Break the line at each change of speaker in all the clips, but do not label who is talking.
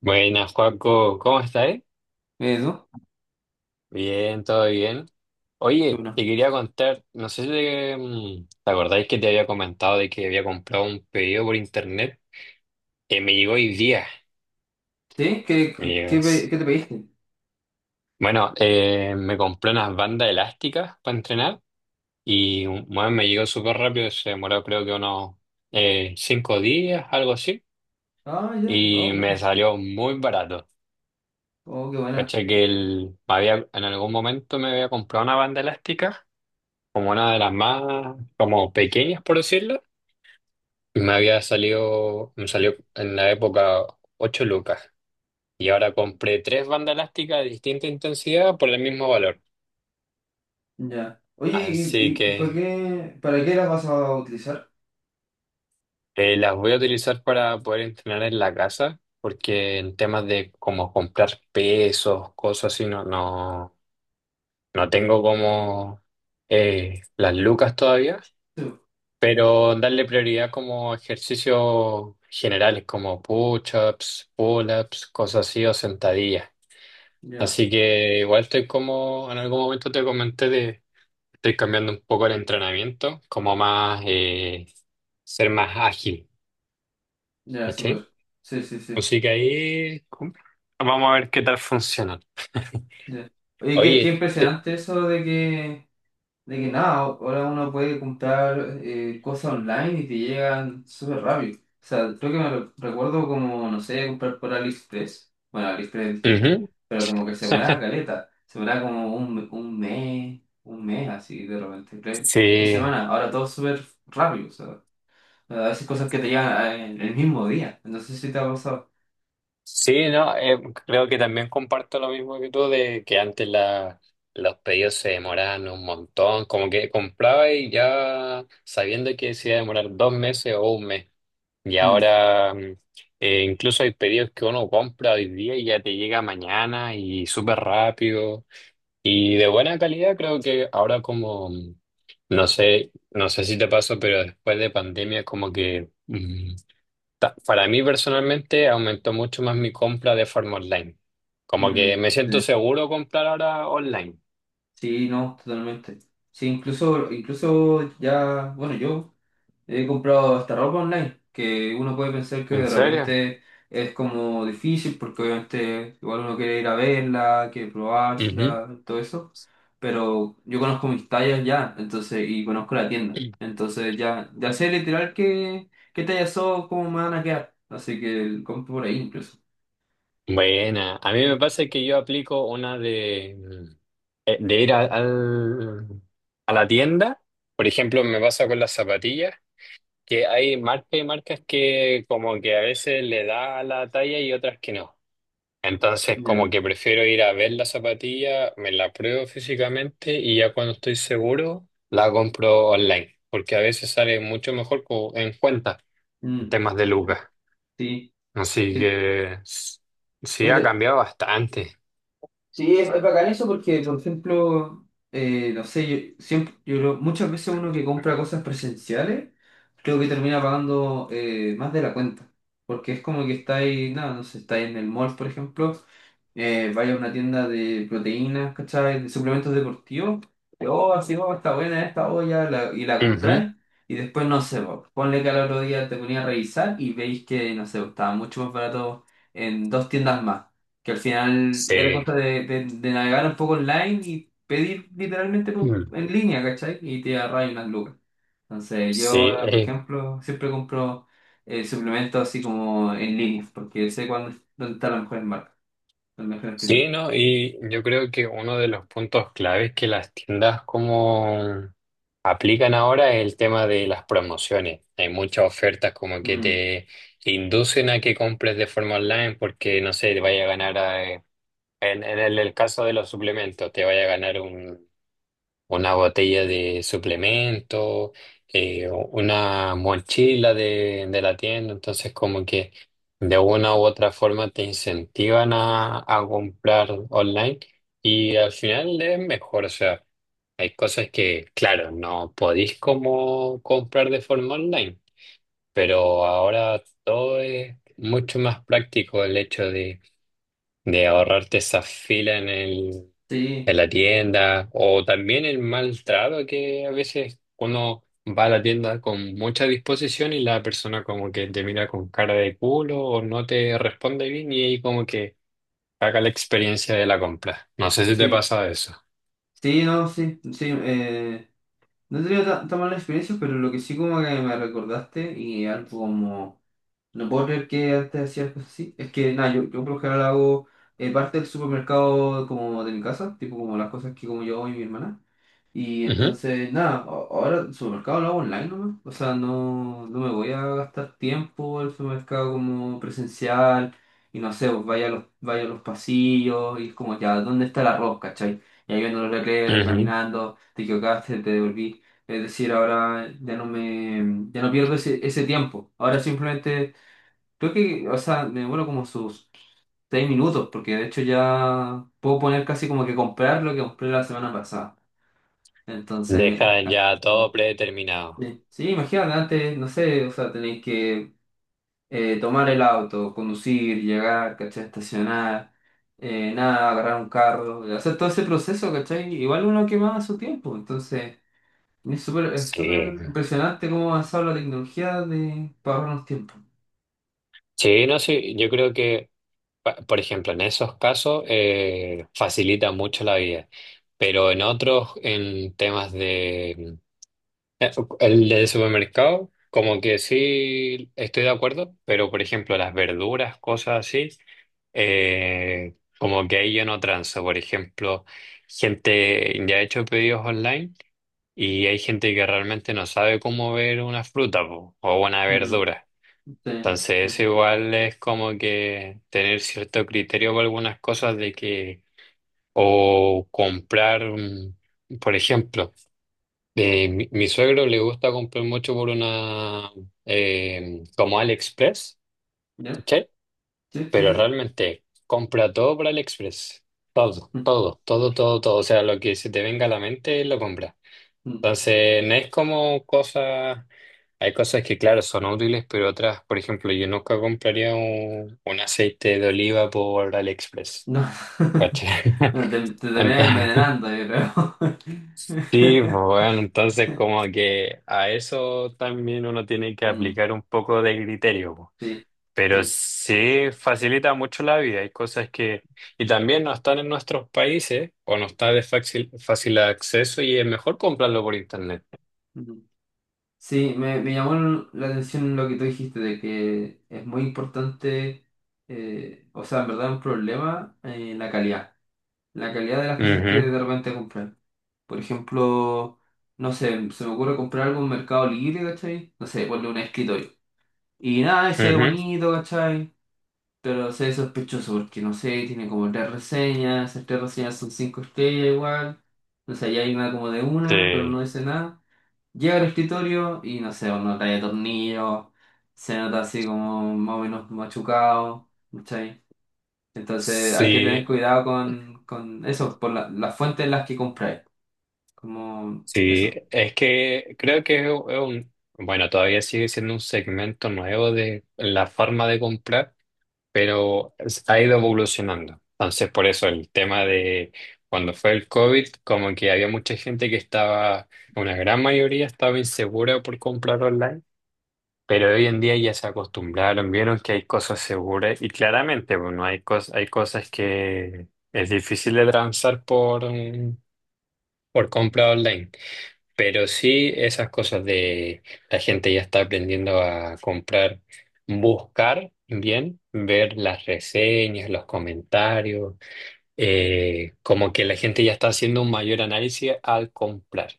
Buenas, Joaco, ¿cómo estás?
Dos,
Bien, todo bien. Oye,
uno.
te quería contar, no sé si ¿te acordáis que te había comentado de que había comprado un pedido por internet? Que me llegó hoy día.
¿Sí? ¿Qué,
Me
qué,
llegó.
qué pe- qué te pediste?
Bueno, me compré unas bandas elásticas para entrenar y bueno, me llegó súper rápido, se demoró creo que unos 5 días, algo así,
Ah, ya. Oh,
y me
bueno.
salió muy barato.
Oh, qué buena.
Cacha que el, me había, en algún momento me había comprado una banda elástica como una de las más como pequeñas, por decirlo, y me había salido, me salió en la época 8 lucas. Y ahora compré tres bandas elásticas de distinta intensidad por el mismo valor.
Ya. Oye, ¿y,
Así
y para
que
qué, para qué las vas a utilizar?
las voy a utilizar para poder entrenar en la casa, porque en temas de como comprar pesos, cosas así, no, no, no tengo como las lucas todavía,
Sí.
pero darle prioridad como ejercicios generales, como push-ups, pull-ups, cosas así o sentadillas.
Ya,
Así que igual estoy como, en algún momento te comenté de, estoy cambiando un poco el entrenamiento, como más, ser más ágil,
ya,
¿cachai?
súper. Sí, sí, sí.
Así que ahí vamos a ver qué tal funciona.
Ya. Oye, qué
Oye, te-
impresionante eso de que nada, ahora uno puede comprar cosas online y te llegan súper rápido. O sea, creo que recuerdo como, no sé, comprar por AliExpress. Bueno, AliExpress es distinto,
ujú.
pero como que se demoraba caleta. Se demoraba como un mes así de repente, tres
Sí,
semanas. Ahora todo súper rápido. O sea, a veces cosas que te llegan el mismo día. No sé si te ha pasado.
sí, no, creo que también comparto lo mismo que tú, de que antes la, los pedidos se demoraban un montón, como que compraba y ya sabiendo que se iba a demorar 2 meses o un mes. Y
Mm,
ahora incluso hay pedidos que uno compra hoy día y ya te llega mañana y súper rápido y de buena calidad. Creo que ahora como, no sé, no sé si te pasó, pero después de pandemia como que. Para mí personalmente aumentó mucho más mi compra de forma online. Como que
mm,
me siento seguro comprar ahora online.
sí, no, totalmente. Sí, incluso ya, bueno, yo. He comprado hasta ropa online, que uno puede pensar que
¿En
de
serio?
repente es como difícil, porque obviamente igual uno quiere ir a verla, quiere
Ujú.
probársela, todo eso. Pero yo conozco mis tallas ya, entonces, y conozco la tienda. Entonces ya sé literal qué tallas son, cómo me van a quedar. Así que compro por ahí incluso.
Buena. A mí
Mm.
me pasa que yo aplico una de ir a a la tienda. Por ejemplo, me pasa con las zapatillas, que hay marcas y marcas que como que a veces le da la talla y otras que no. Entonces, como
Ya.
que prefiero ir a ver la zapatilla, me la pruebo físicamente y ya cuando estoy seguro, la compro online, porque a veces sale mucho mejor en cuenta en
Mm.
temas de lucas.
Sí.
Así que sí
¿No
ha
te,
cambiado bastante.
Sí, es bacán eso porque, por ejemplo, no sé, yo, siempre, muchas veces uno que compra cosas presenciales, creo que termina pagando más de la cuenta. Porque es como que está ahí, nada, no sé, está ahí en el mall, por ejemplo, vaya a una tienda de proteínas, ¿cachai? De suplementos deportivos, y, oh, así, oh, está buena esta olla, y la
Ujú.
compráis, y después, no sé, po, ponle que al otro día te ponía a revisar y veis que, no sé, estaba mucho más barato en dos tiendas más. Que al final era
Sí.
cosa de navegar un poco online y pedir literalmente
Mm.
en línea, ¿cachai? Y te agarras unas lucas. Entonces, yo, ahora, por
Sí.
ejemplo, siempre compro suplementos así como en línea, porque sé cuándo, dónde está la mejor marca, las mejores tiendas.
Sí, ¿no? Y yo creo que uno de los puntos claves que las tiendas como aplican ahora es el tema de las promociones. Hay muchas ofertas como que
Mm,
te inducen a que compres de forma online porque, no sé, te vaya a ganar, eh, en el caso de los suplementos, te vaya a ganar una botella de suplemento, o una mochila de la tienda. Entonces, como que de una u otra forma te incentivan a comprar online y al final es mejor. O sea, hay cosas que, claro, no podéis como comprar de forma online, pero ahora todo es mucho más práctico el hecho de ahorrarte esa fila
sí,
en la tienda, o también el maltrato que a veces uno va a la tienda con mucha disposición y la persona como que te mira con cara de culo o no te responde bien y ahí como que caga la experiencia de la compra. No sé si te
sí.
pasa eso.
Sí, no, sí, sí. No he tenido tan mala experiencia, pero lo que sí como que me recordaste y algo como no puedo creer que antes hacía cosas así. Es que nada, yo, por lo general hago parte del supermercado como de mi casa, tipo como las cosas que como yo hago y mi hermana. Y
Ujú,
entonces, nada, ahora el supermercado lo hago online nomás. O sea, no me voy a gastar tiempo el supermercado como presencial. Y no sé, pues vaya a los pasillos y es como ya, ¿dónde está el arroz, cachai? Y ahí viendo los letreros y
ujú.
caminando, te equivocaste, te devolví. Es decir, ahora ya no pierdo ese tiempo. Ahora simplemente creo que, o sea, me demoro como sus 6 minutos, porque de hecho ya puedo poner casi como que comprar lo que compré la semana pasada. Entonces,
Dejan ya todo predeterminado.
sí, imagínate, antes, no sé, o sea, tenéis que tomar el auto, conducir, llegar, ¿cachai? Estacionar, nada, agarrar un carro, o sea, todo ese proceso, ¿cachai? Igual uno quemaba su tiempo, entonces es súper
Sí.
impresionante cómo ha avanzado la tecnología de para ahorrarnos tiempo.
Sí, no sé, yo creo que, por ejemplo, en esos casos facilita mucho la vida, pero en otros, en temas de Eh, el del supermercado, como que sí estoy de acuerdo, pero por ejemplo las verduras, cosas así, como que ahí yo no transo. Por ejemplo, gente ya ha hecho pedidos online y hay gente que realmente no sabe cómo ver una fruta po, o una
Mm,
verdura.
sí, sí,
Entonces eso igual es como que tener cierto criterio con algunas cosas de que o comprar, por ejemplo. Mi suegro le gusta comprar mucho por una, como AliExpress,
¿ya?
¿cachai?
Sí, sí,
Pero
sí.
realmente compra todo por AliExpress. Todo,
Mm.
todo, todo, todo, todo. O sea, lo que se te venga a la mente lo compra.
Mm,
Entonces, no es como cosas. Hay cosas que, claro, son útiles, pero otras, por ejemplo, yo nunca compraría un aceite de oliva por AliExpress.
no,
¿Cachai?
no, te terminás envenenando, yo creo.
Sí, bueno, entonces como que a eso también uno tiene que
Mm,
aplicar un poco de criterio, po.
sí,
Pero
sí.
sí facilita mucho la vida. Hay cosas que, y también no están en nuestros países o no está de fácil, fácil acceso y es mejor comprarlo por internet.
Ujú. Sí, me llamó la atención lo que tú dijiste, de que es muy importante, o sea, en verdad un problema la calidad de las cosas que
Ujú,
de repente comprar. Por ejemplo, no sé, se me ocurre comprar algo en Mercado Libre, ¿cachai? No sé, ponle un escritorio. Y nada, y se ve
ujú.
bonito, ¿cachai? Pero se ve sospechoso porque no sé, tiene como tres reseñas, esas tres reseñas son cinco estrellas igual, no sé, ya hay una como de una, pero no
Sí,
dice nada. Llega al escritorio y no sé, no trae tornillos, se nota así como más o menos machucado, ¿cachai? Entonces hay que tener
sí,
cuidado con eso, por las fuentes en las que compráis, como
sí.
eso.
Es que creo que bueno, todavía sigue siendo un segmento nuevo de la forma de comprar, pero ha ido evolucionando. Entonces, por eso el tema de cuando fue el COVID, como que había mucha gente que estaba, una gran mayoría estaba insegura por comprar online, pero hoy en día ya se acostumbraron, vieron que hay cosas seguras y claramente, bueno, hay cosas que es difícil de transar por compra online. Pero sí esas cosas de la gente ya está aprendiendo a comprar, buscar bien, ver las reseñas, los comentarios, como que la gente ya está haciendo un mayor análisis al comprar,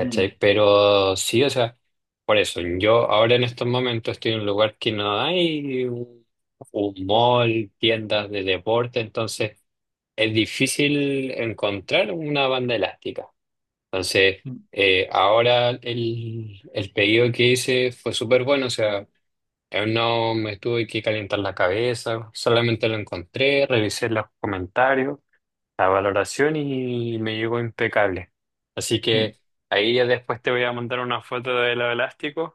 Mm,
Pero sí, o sea, por eso yo ahora en estos momentos estoy en un lugar que no hay un mall, tiendas de deporte, entonces es difícil encontrar una banda elástica. Entonces,
mm,
ahora el pedido que hice fue súper bueno, o sea, no me tuve que calentar la cabeza, solamente lo encontré, revisé los comentarios, la valoración y me llegó impecable. Así
mm.
que ahí ya después te voy a mandar una foto de los elásticos,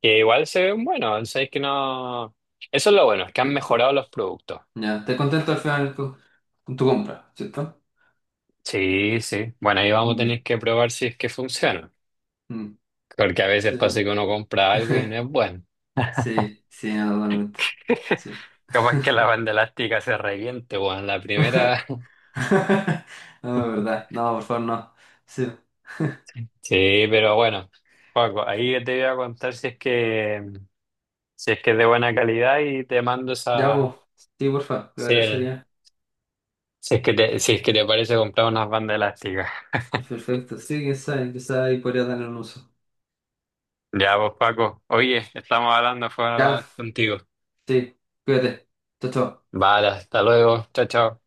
que igual se ven buenos, o sea, es que no. Eso es lo bueno, es que han
Eh, co-
mejorado los productos.
Ya, estás contento al final con tu compra, ¿cierto?
Sí, sí. Bueno, ahí vamos a
Mm,
tener que probar si es que funciona,
mm,
porque a veces
sí.
pasa que uno compra algo y no es bueno.
Sí, sí, no, totalmente. Sí.
Capaz que la banda elástica se reviente, weón. La primera.
No, de verdad. No, por favor, no. Sí.
Sí, pero bueno, Paco, ahí te voy a contar si es que es de buena calidad y te mando
Ya,
esa.
vos. Sí, por favor, te
Si, el-
agradecería.
si es que te parece comprar unas bandas elásticas.
Perfecto. Sí, quién sabe, quizá ahí podría tener un uso.
Ya, vos, Paco. Oye, estamos hablando, fue
Ya,
hablar contigo.
sí, cuídate. Chao, chao.
Vale, hasta luego. Chao, chao.